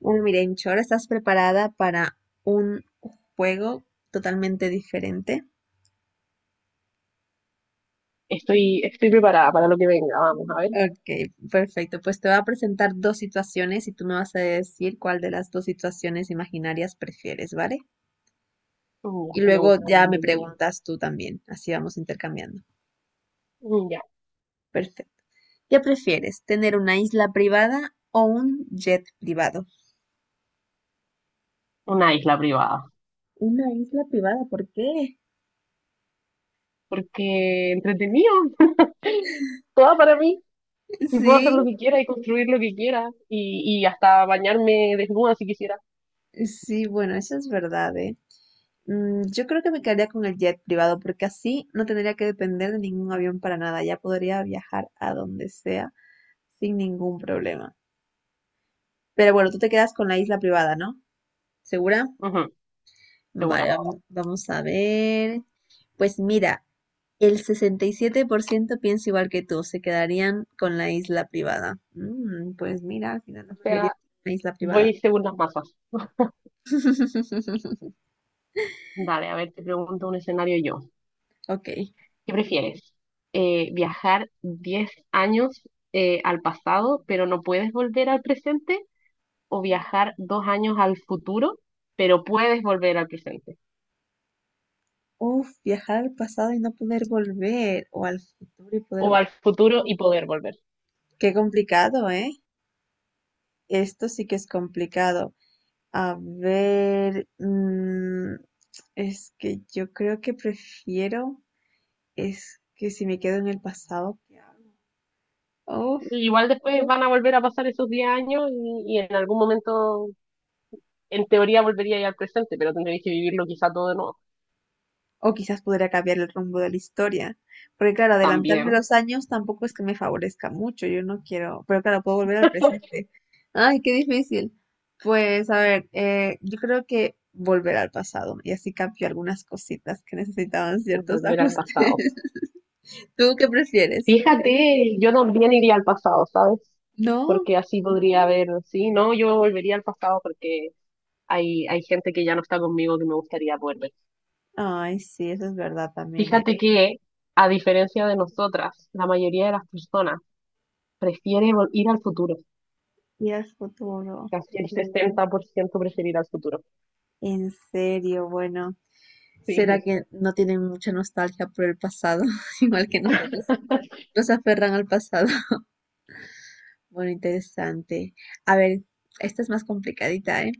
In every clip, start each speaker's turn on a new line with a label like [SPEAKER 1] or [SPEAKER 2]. [SPEAKER 1] Bueno, Mirencho, ¿ahora estás preparada para un juego totalmente diferente?
[SPEAKER 2] Estoy preparada para lo que venga, vamos a ver.
[SPEAKER 1] Ok, perfecto. Pues te voy a presentar dos situaciones y tú me vas a decir cuál de las dos situaciones imaginarias prefieres, ¿vale?
[SPEAKER 2] Mm, ya,
[SPEAKER 1] Y
[SPEAKER 2] me
[SPEAKER 1] luego
[SPEAKER 2] gusta, bien
[SPEAKER 1] ya me
[SPEAKER 2] entretenido.
[SPEAKER 1] preguntas tú también. Así vamos intercambiando.
[SPEAKER 2] Mm, ya.
[SPEAKER 1] Perfecto. ¿Qué prefieres? ¿Tener una isla privada o un jet privado?
[SPEAKER 2] Una isla privada.
[SPEAKER 1] Una isla privada, ¿por qué?
[SPEAKER 2] Porque entretenido, toda para mí. Y puedo hacer
[SPEAKER 1] Sí,
[SPEAKER 2] lo que quiera y construir lo que quiera. Y hasta bañarme desnuda si quisiera.
[SPEAKER 1] sí, bueno, eso es verdad, ¿eh? Yo creo que me quedaría con el jet privado porque así no tendría que depender de ningún avión para nada. Ya podría viajar a donde sea sin ningún problema. Pero bueno, tú te quedas con la isla privada, ¿no? ¿Segura?
[SPEAKER 2] Ujú,
[SPEAKER 1] Vale,
[SPEAKER 2] segura.
[SPEAKER 1] vamos, vamos a ver. Pues mira, el 67% piensa igual que tú, se quedarían con la isla privada. Pues mira, al final la
[SPEAKER 2] O
[SPEAKER 1] mayoría
[SPEAKER 2] sea,
[SPEAKER 1] con la isla
[SPEAKER 2] voy
[SPEAKER 1] privada.
[SPEAKER 2] según las masas. Dale, a ver, te pregunto un escenario yo.
[SPEAKER 1] Ok.
[SPEAKER 2] ¿Qué prefieres? ¿Viajar 10 años al pasado, pero no puedes volver al presente, o viajar 2 años al futuro, pero puedes volver al presente?
[SPEAKER 1] Uf, viajar al pasado y no poder volver, o al futuro y poder...
[SPEAKER 2] O al futuro y poder volver.
[SPEAKER 1] Qué complicado, ¿eh? Esto sí que es complicado. A ver, es que yo creo que prefiero, es que si me quedo en el pasado, ¿qué hago? Uf,
[SPEAKER 2] Igual después van a volver a pasar esos 10 años y en algún momento, en teoría, volvería ya al presente, pero tendréis que vivirlo quizá todo de nuevo.
[SPEAKER 1] o quizás pudiera cambiar el rumbo de la historia. Porque claro, adelantarme
[SPEAKER 2] También
[SPEAKER 1] los años tampoco es que me favorezca mucho, yo no quiero, pero claro, puedo volver al presente. Ay, qué difícil. Pues a ver, yo creo que volver al pasado y así cambio algunas cositas que necesitaban ciertos
[SPEAKER 2] volver al
[SPEAKER 1] ajustes.
[SPEAKER 2] pasado.
[SPEAKER 1] ¿Tú qué prefieres?
[SPEAKER 2] Fíjate, yo también iría al pasado, ¿sabes?
[SPEAKER 1] ¿No?
[SPEAKER 2] Porque así podría haber, sí, no, yo volvería al pasado porque hay gente que ya no está conmigo que me gustaría volver.
[SPEAKER 1] Ay, sí, eso es verdad también, ¿eh?
[SPEAKER 2] Fíjate que, a diferencia de nosotras, la mayoría de las personas prefiere ir al futuro.
[SPEAKER 1] Ir al futuro.
[SPEAKER 2] Casi el 60% prefiere ir al futuro.
[SPEAKER 1] En serio, bueno. ¿Será
[SPEAKER 2] Sí.
[SPEAKER 1] que no tienen mucha nostalgia por el pasado, igual que nosotros? Nos aferran al pasado. Bueno, interesante. A ver, esta es más complicadita, ¿eh?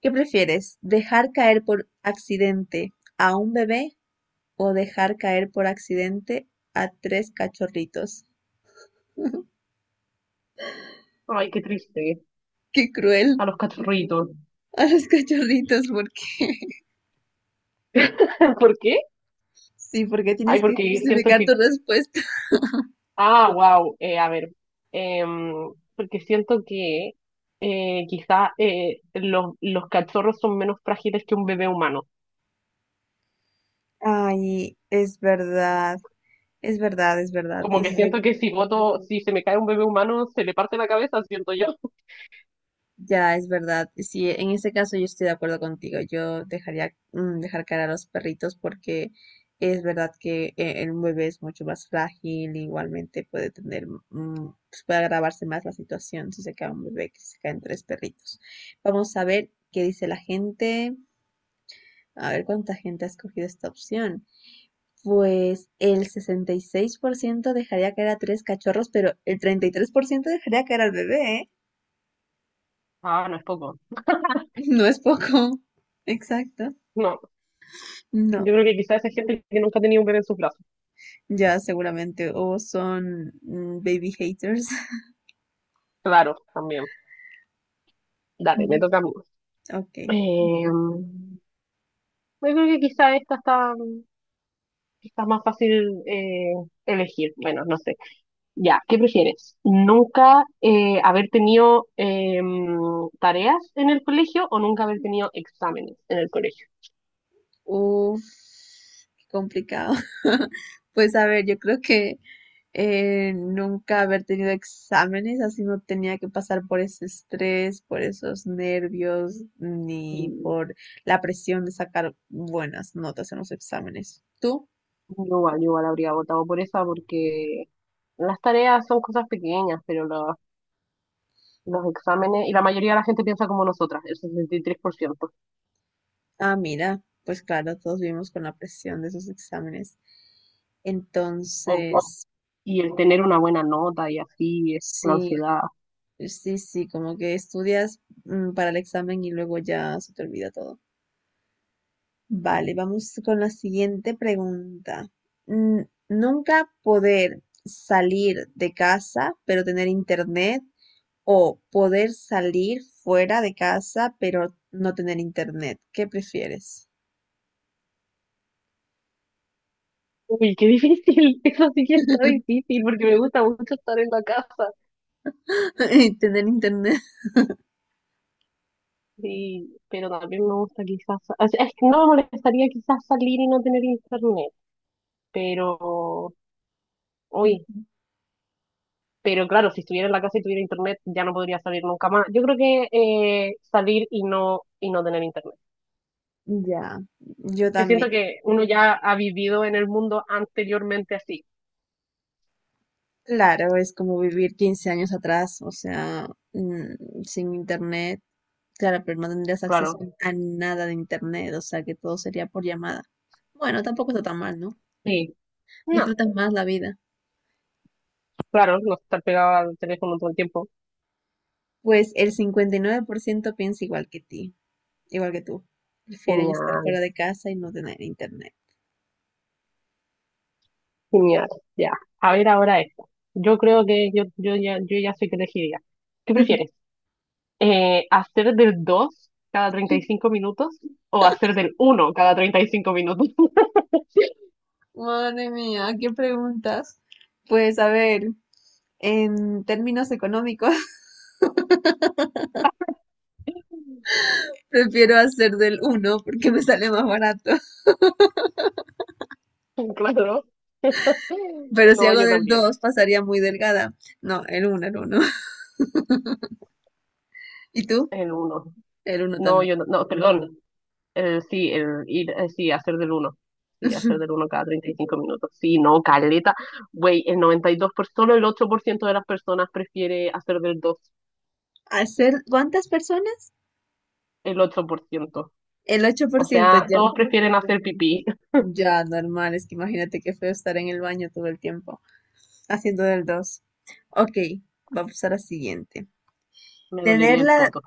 [SPEAKER 1] ¿Qué prefieres? ¿Dejar caer por accidente a un bebé o dejar caer por accidente a tres cachorritos?
[SPEAKER 2] Ay, qué triste.
[SPEAKER 1] Qué cruel
[SPEAKER 2] A los cachorritos.
[SPEAKER 1] a los cachorritos, porque
[SPEAKER 2] ¿Por qué?
[SPEAKER 1] sí, porque tienes
[SPEAKER 2] Ay,
[SPEAKER 1] que
[SPEAKER 2] porque siento
[SPEAKER 1] justificar
[SPEAKER 2] que
[SPEAKER 1] tu respuesta.
[SPEAKER 2] ah, wow, a ver. Porque siento que quizá los cachorros son menos frágiles que un bebé humano.
[SPEAKER 1] Ay, es verdad, es verdad, es verdad.
[SPEAKER 2] Como que siento que si se me cae un bebé humano, se le parte la cabeza, siento yo.
[SPEAKER 1] Ya, es verdad. Sí, en este caso yo estoy de acuerdo contigo. Yo dejaría dejar caer a los perritos porque es verdad que el bebé es mucho más frágil. Igualmente puede tener, pues puede agravarse más la situación si se cae un bebé que si se caen tres perritos. Vamos a ver qué dice la gente. A ver cuánta gente ha escogido esta opción. Pues el 66% dejaría caer a tres cachorros, pero el 33% dejaría caer al bebé, ¿eh?
[SPEAKER 2] Ah, no es poco.
[SPEAKER 1] No es poco. Exacto.
[SPEAKER 2] No.
[SPEAKER 1] No,
[SPEAKER 2] Yo creo que quizás esa gente que nunca ha tenido un bebé en sus brazos.
[SPEAKER 1] ya seguramente o son baby haters.
[SPEAKER 2] Claro, también. Dale,
[SPEAKER 1] Mm,
[SPEAKER 2] me toca a mí.
[SPEAKER 1] Ok.
[SPEAKER 2] Eh, yo creo que quizás esta está más fácil elegir. Bueno, no sé. Ya, ¿qué prefieres? ¿Nunca haber tenido tareas en el colegio o nunca haber tenido exámenes en el colegio?
[SPEAKER 1] Uf, qué complicado. Pues a ver, yo creo que nunca haber tenido exámenes, así no tenía que pasar por ese estrés, por esos nervios, ni
[SPEAKER 2] Y
[SPEAKER 1] por la presión de sacar buenas notas en los exámenes. ¿Tú?
[SPEAKER 2] yo igual habría votado por esa porque las tareas son cosas pequeñas, pero los exámenes, y la mayoría de la gente piensa como nosotras, el 63%.
[SPEAKER 1] Ah, mira, pues claro, todos vivimos con la presión de esos exámenes.
[SPEAKER 2] o-
[SPEAKER 1] Entonces,
[SPEAKER 2] y el tener una buena nota y así, es la
[SPEAKER 1] sí,
[SPEAKER 2] ansiedad.
[SPEAKER 1] sí, sí, como que estudias para el examen y luego ya se te olvida todo. Vale, vamos con la siguiente pregunta. Nunca poder salir de casa, pero tener internet, o poder salir fuera de casa, pero no tener internet. ¿Qué prefieres?
[SPEAKER 2] Uy, qué difícil, eso sí que está difícil porque me gusta mucho estar en la casa,
[SPEAKER 1] Tener internet.
[SPEAKER 2] sí, pero también me gusta quizás, o sea, es que no me molestaría quizás salir y no tener internet, pero, uy,
[SPEAKER 1] Ujú.
[SPEAKER 2] pero claro, si estuviera en la casa y tuviera internet ya no podría salir nunca más. Yo creo que salir y no tener internet,
[SPEAKER 1] Ya, yo
[SPEAKER 2] que
[SPEAKER 1] también.
[SPEAKER 2] siento que uno ya ha vivido en el mundo anteriormente así,
[SPEAKER 1] Claro, es como vivir 15 años atrás, o sea, sin internet. Claro, pero no tendrías acceso
[SPEAKER 2] claro,
[SPEAKER 1] a nada de internet, o sea que todo sería por llamada. Bueno, tampoco está tan mal, ¿no?
[SPEAKER 2] sí, no.
[SPEAKER 1] Disfrutas más la vida.
[SPEAKER 2] Claro, no estar pegado al teléfono todo el tiempo.
[SPEAKER 1] Pues el 59% piensa igual que tú. Prefieren estar fuera
[SPEAKER 2] Genial,
[SPEAKER 1] de casa y no tener internet.
[SPEAKER 2] genial. Ya. A ver ahora esto. Yo creo que yo ya sé que elegiría. ¿Qué prefieres? ¿Hacer del 2 cada 35 minutos o hacer del uno cada 35 minutos?
[SPEAKER 1] Madre mía, ¿qué preguntas? Pues a ver, en términos económicos, prefiero hacer del uno porque me sale más barato.
[SPEAKER 2] Claro.
[SPEAKER 1] Pero si
[SPEAKER 2] No,
[SPEAKER 1] hago
[SPEAKER 2] yo
[SPEAKER 1] del
[SPEAKER 2] también.
[SPEAKER 1] 2 pasaría muy delgada. No, el uno, el uno. ¿Y tú?
[SPEAKER 2] El uno.
[SPEAKER 1] El uno
[SPEAKER 2] No,
[SPEAKER 1] también.
[SPEAKER 2] yo no, no, perdón. Sí, sí, hacer del uno. Sí, hacer del uno cada 35 minutos. Sí, no, caleta. Güey, el noventa y dos por, solo el 8% de las personas prefiere hacer del dos.
[SPEAKER 1] ¿Hacer cuántas personas?
[SPEAKER 2] El 8%.
[SPEAKER 1] El ocho por
[SPEAKER 2] O
[SPEAKER 1] ciento
[SPEAKER 2] sea,
[SPEAKER 1] ya.
[SPEAKER 2] todos prefieren hacer pipí.
[SPEAKER 1] Ya, normal. Es que imagínate qué feo estar en el baño todo el tiempo haciendo del 2. Ok, vamos a la siguiente.
[SPEAKER 2] Me
[SPEAKER 1] Tener
[SPEAKER 2] dolería el
[SPEAKER 1] la...
[SPEAKER 2] poto.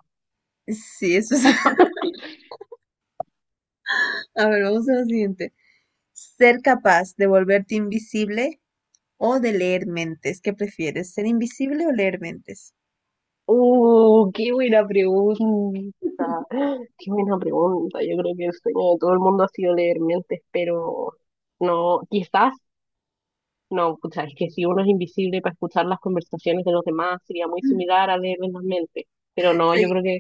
[SPEAKER 1] Sí, eso es... A ver, vamos a la siguiente. Ser capaz de volverte invisible o de leer mentes. ¿Qué prefieres? ¿Ser invisible o leer mentes?
[SPEAKER 2] Qué buena pregunta. Qué buena pregunta. Yo creo que el sueño de todo el mundo ha sido leer mentes, pero no, quizás. No, o sea, es que si uno es invisible para escuchar las conversaciones de los demás, sería muy similar a leer en las mentes. Pero no, yo
[SPEAKER 1] Sí,
[SPEAKER 2] creo que,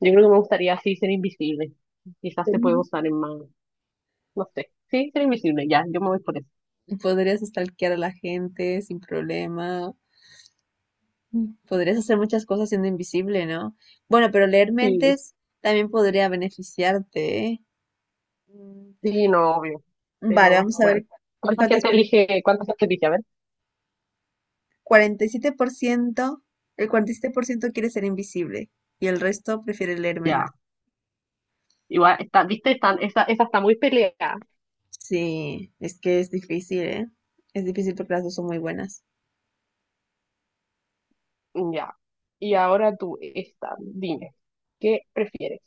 [SPEAKER 2] yo creo que me gustaría sí ser invisible. Quizás
[SPEAKER 1] ser
[SPEAKER 2] se puede usar
[SPEAKER 1] invisible.
[SPEAKER 2] en más, no sé. Sí, ser invisible, ya, yo me voy por eso.
[SPEAKER 1] Podrías stalkear a la gente sin problema. Podrías hacer muchas cosas siendo invisible, ¿no? Bueno, pero leer
[SPEAKER 2] Sí,
[SPEAKER 1] mentes también podría beneficiarte, ¿eh? Mm,
[SPEAKER 2] sí, no, obvio.
[SPEAKER 1] Vale,
[SPEAKER 2] Pero
[SPEAKER 1] vamos a
[SPEAKER 2] bueno,
[SPEAKER 1] ver
[SPEAKER 2] ¿cuánta
[SPEAKER 1] cuántas.
[SPEAKER 2] gente elige, cuánta gente elige? A ver,
[SPEAKER 1] Cuarenta y siete por ciento el 47% quiere ser invisible y el resto prefiere leer
[SPEAKER 2] ya.
[SPEAKER 1] mentes.
[SPEAKER 2] Igual, viste, esa está muy peleada.
[SPEAKER 1] Sí, es que es difícil, ¿eh? Es difícil porque las dos son muy buenas.
[SPEAKER 2] Ya. Y ahora tú, esta, dime, ¿qué prefieres?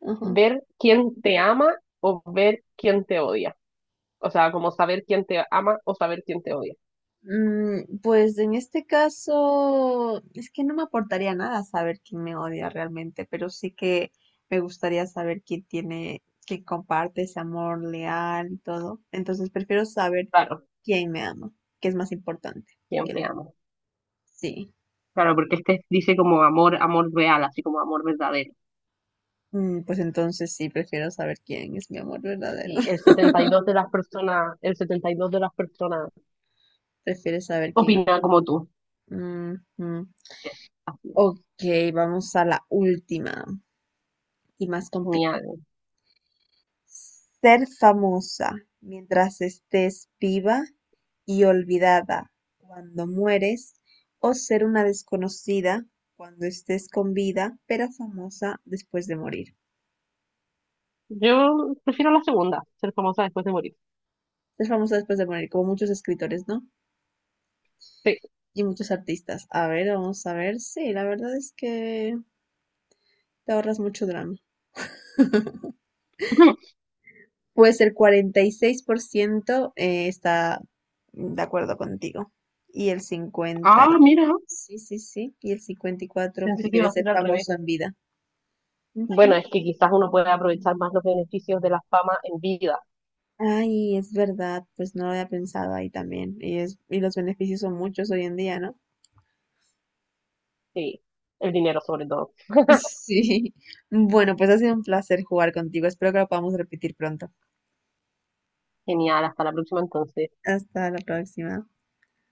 [SPEAKER 1] Ajá.
[SPEAKER 2] ¿Ver quién te ama o ver quién te odia? O sea, como saber quién te ama o saber quién te odia.
[SPEAKER 1] Pues en este caso, es que no me aportaría nada saber quién me odia realmente, pero sí que me gustaría saber quién tiene, quién comparte ese amor leal y todo. Entonces prefiero saber
[SPEAKER 2] Claro,
[SPEAKER 1] quién me ama, que es más importante.
[SPEAKER 2] quién
[SPEAKER 1] Que...
[SPEAKER 2] te ama.
[SPEAKER 1] Sí,
[SPEAKER 2] Claro, porque este dice como amor, amor real, así como amor verdadero.
[SPEAKER 1] Pues entonces sí, prefiero saber quién es mi amor verdadero.
[SPEAKER 2] Y el 72 de las personas, el 72 de las personas
[SPEAKER 1] Prefiero saber quién.
[SPEAKER 2] opina como tú.
[SPEAKER 1] Ujú.
[SPEAKER 2] Yes, así es.
[SPEAKER 1] Ok, vamos a la última y más complicada.
[SPEAKER 2] Genial.
[SPEAKER 1] Ser famosa mientras estés viva y olvidada cuando mueres, o ser una desconocida cuando estés con vida, pero famosa después de morir.
[SPEAKER 2] Yo prefiero la segunda, ser famosa después de morir.
[SPEAKER 1] Ser famosa después de morir, como muchos escritores, ¿no?
[SPEAKER 2] Sí,
[SPEAKER 1] Y muchos artistas. A ver, vamos a ver. Sí, la verdad es que te ahorras mucho drama. Pues el 46% está de acuerdo contigo y el cincuenta.
[SPEAKER 2] ah, mira,
[SPEAKER 1] Sí, sí, sí. Y el 54%
[SPEAKER 2] pensé que iba
[SPEAKER 1] prefiere
[SPEAKER 2] a
[SPEAKER 1] ser
[SPEAKER 2] ser al revés.
[SPEAKER 1] famoso en vida. Ujú.
[SPEAKER 2] Bueno, es que quizás uno puede aprovechar más los beneficios de la fama en vida.
[SPEAKER 1] Ay, es verdad, pues no lo había pensado ahí también. Y, es, y los beneficios son muchos hoy en día, ¿no?
[SPEAKER 2] Sí, el dinero sobre todo.
[SPEAKER 1] Sí. Bueno, pues ha sido un placer jugar contigo. Espero que lo podamos repetir pronto.
[SPEAKER 2] Genial, hasta la próxima entonces.
[SPEAKER 1] Hasta la próxima.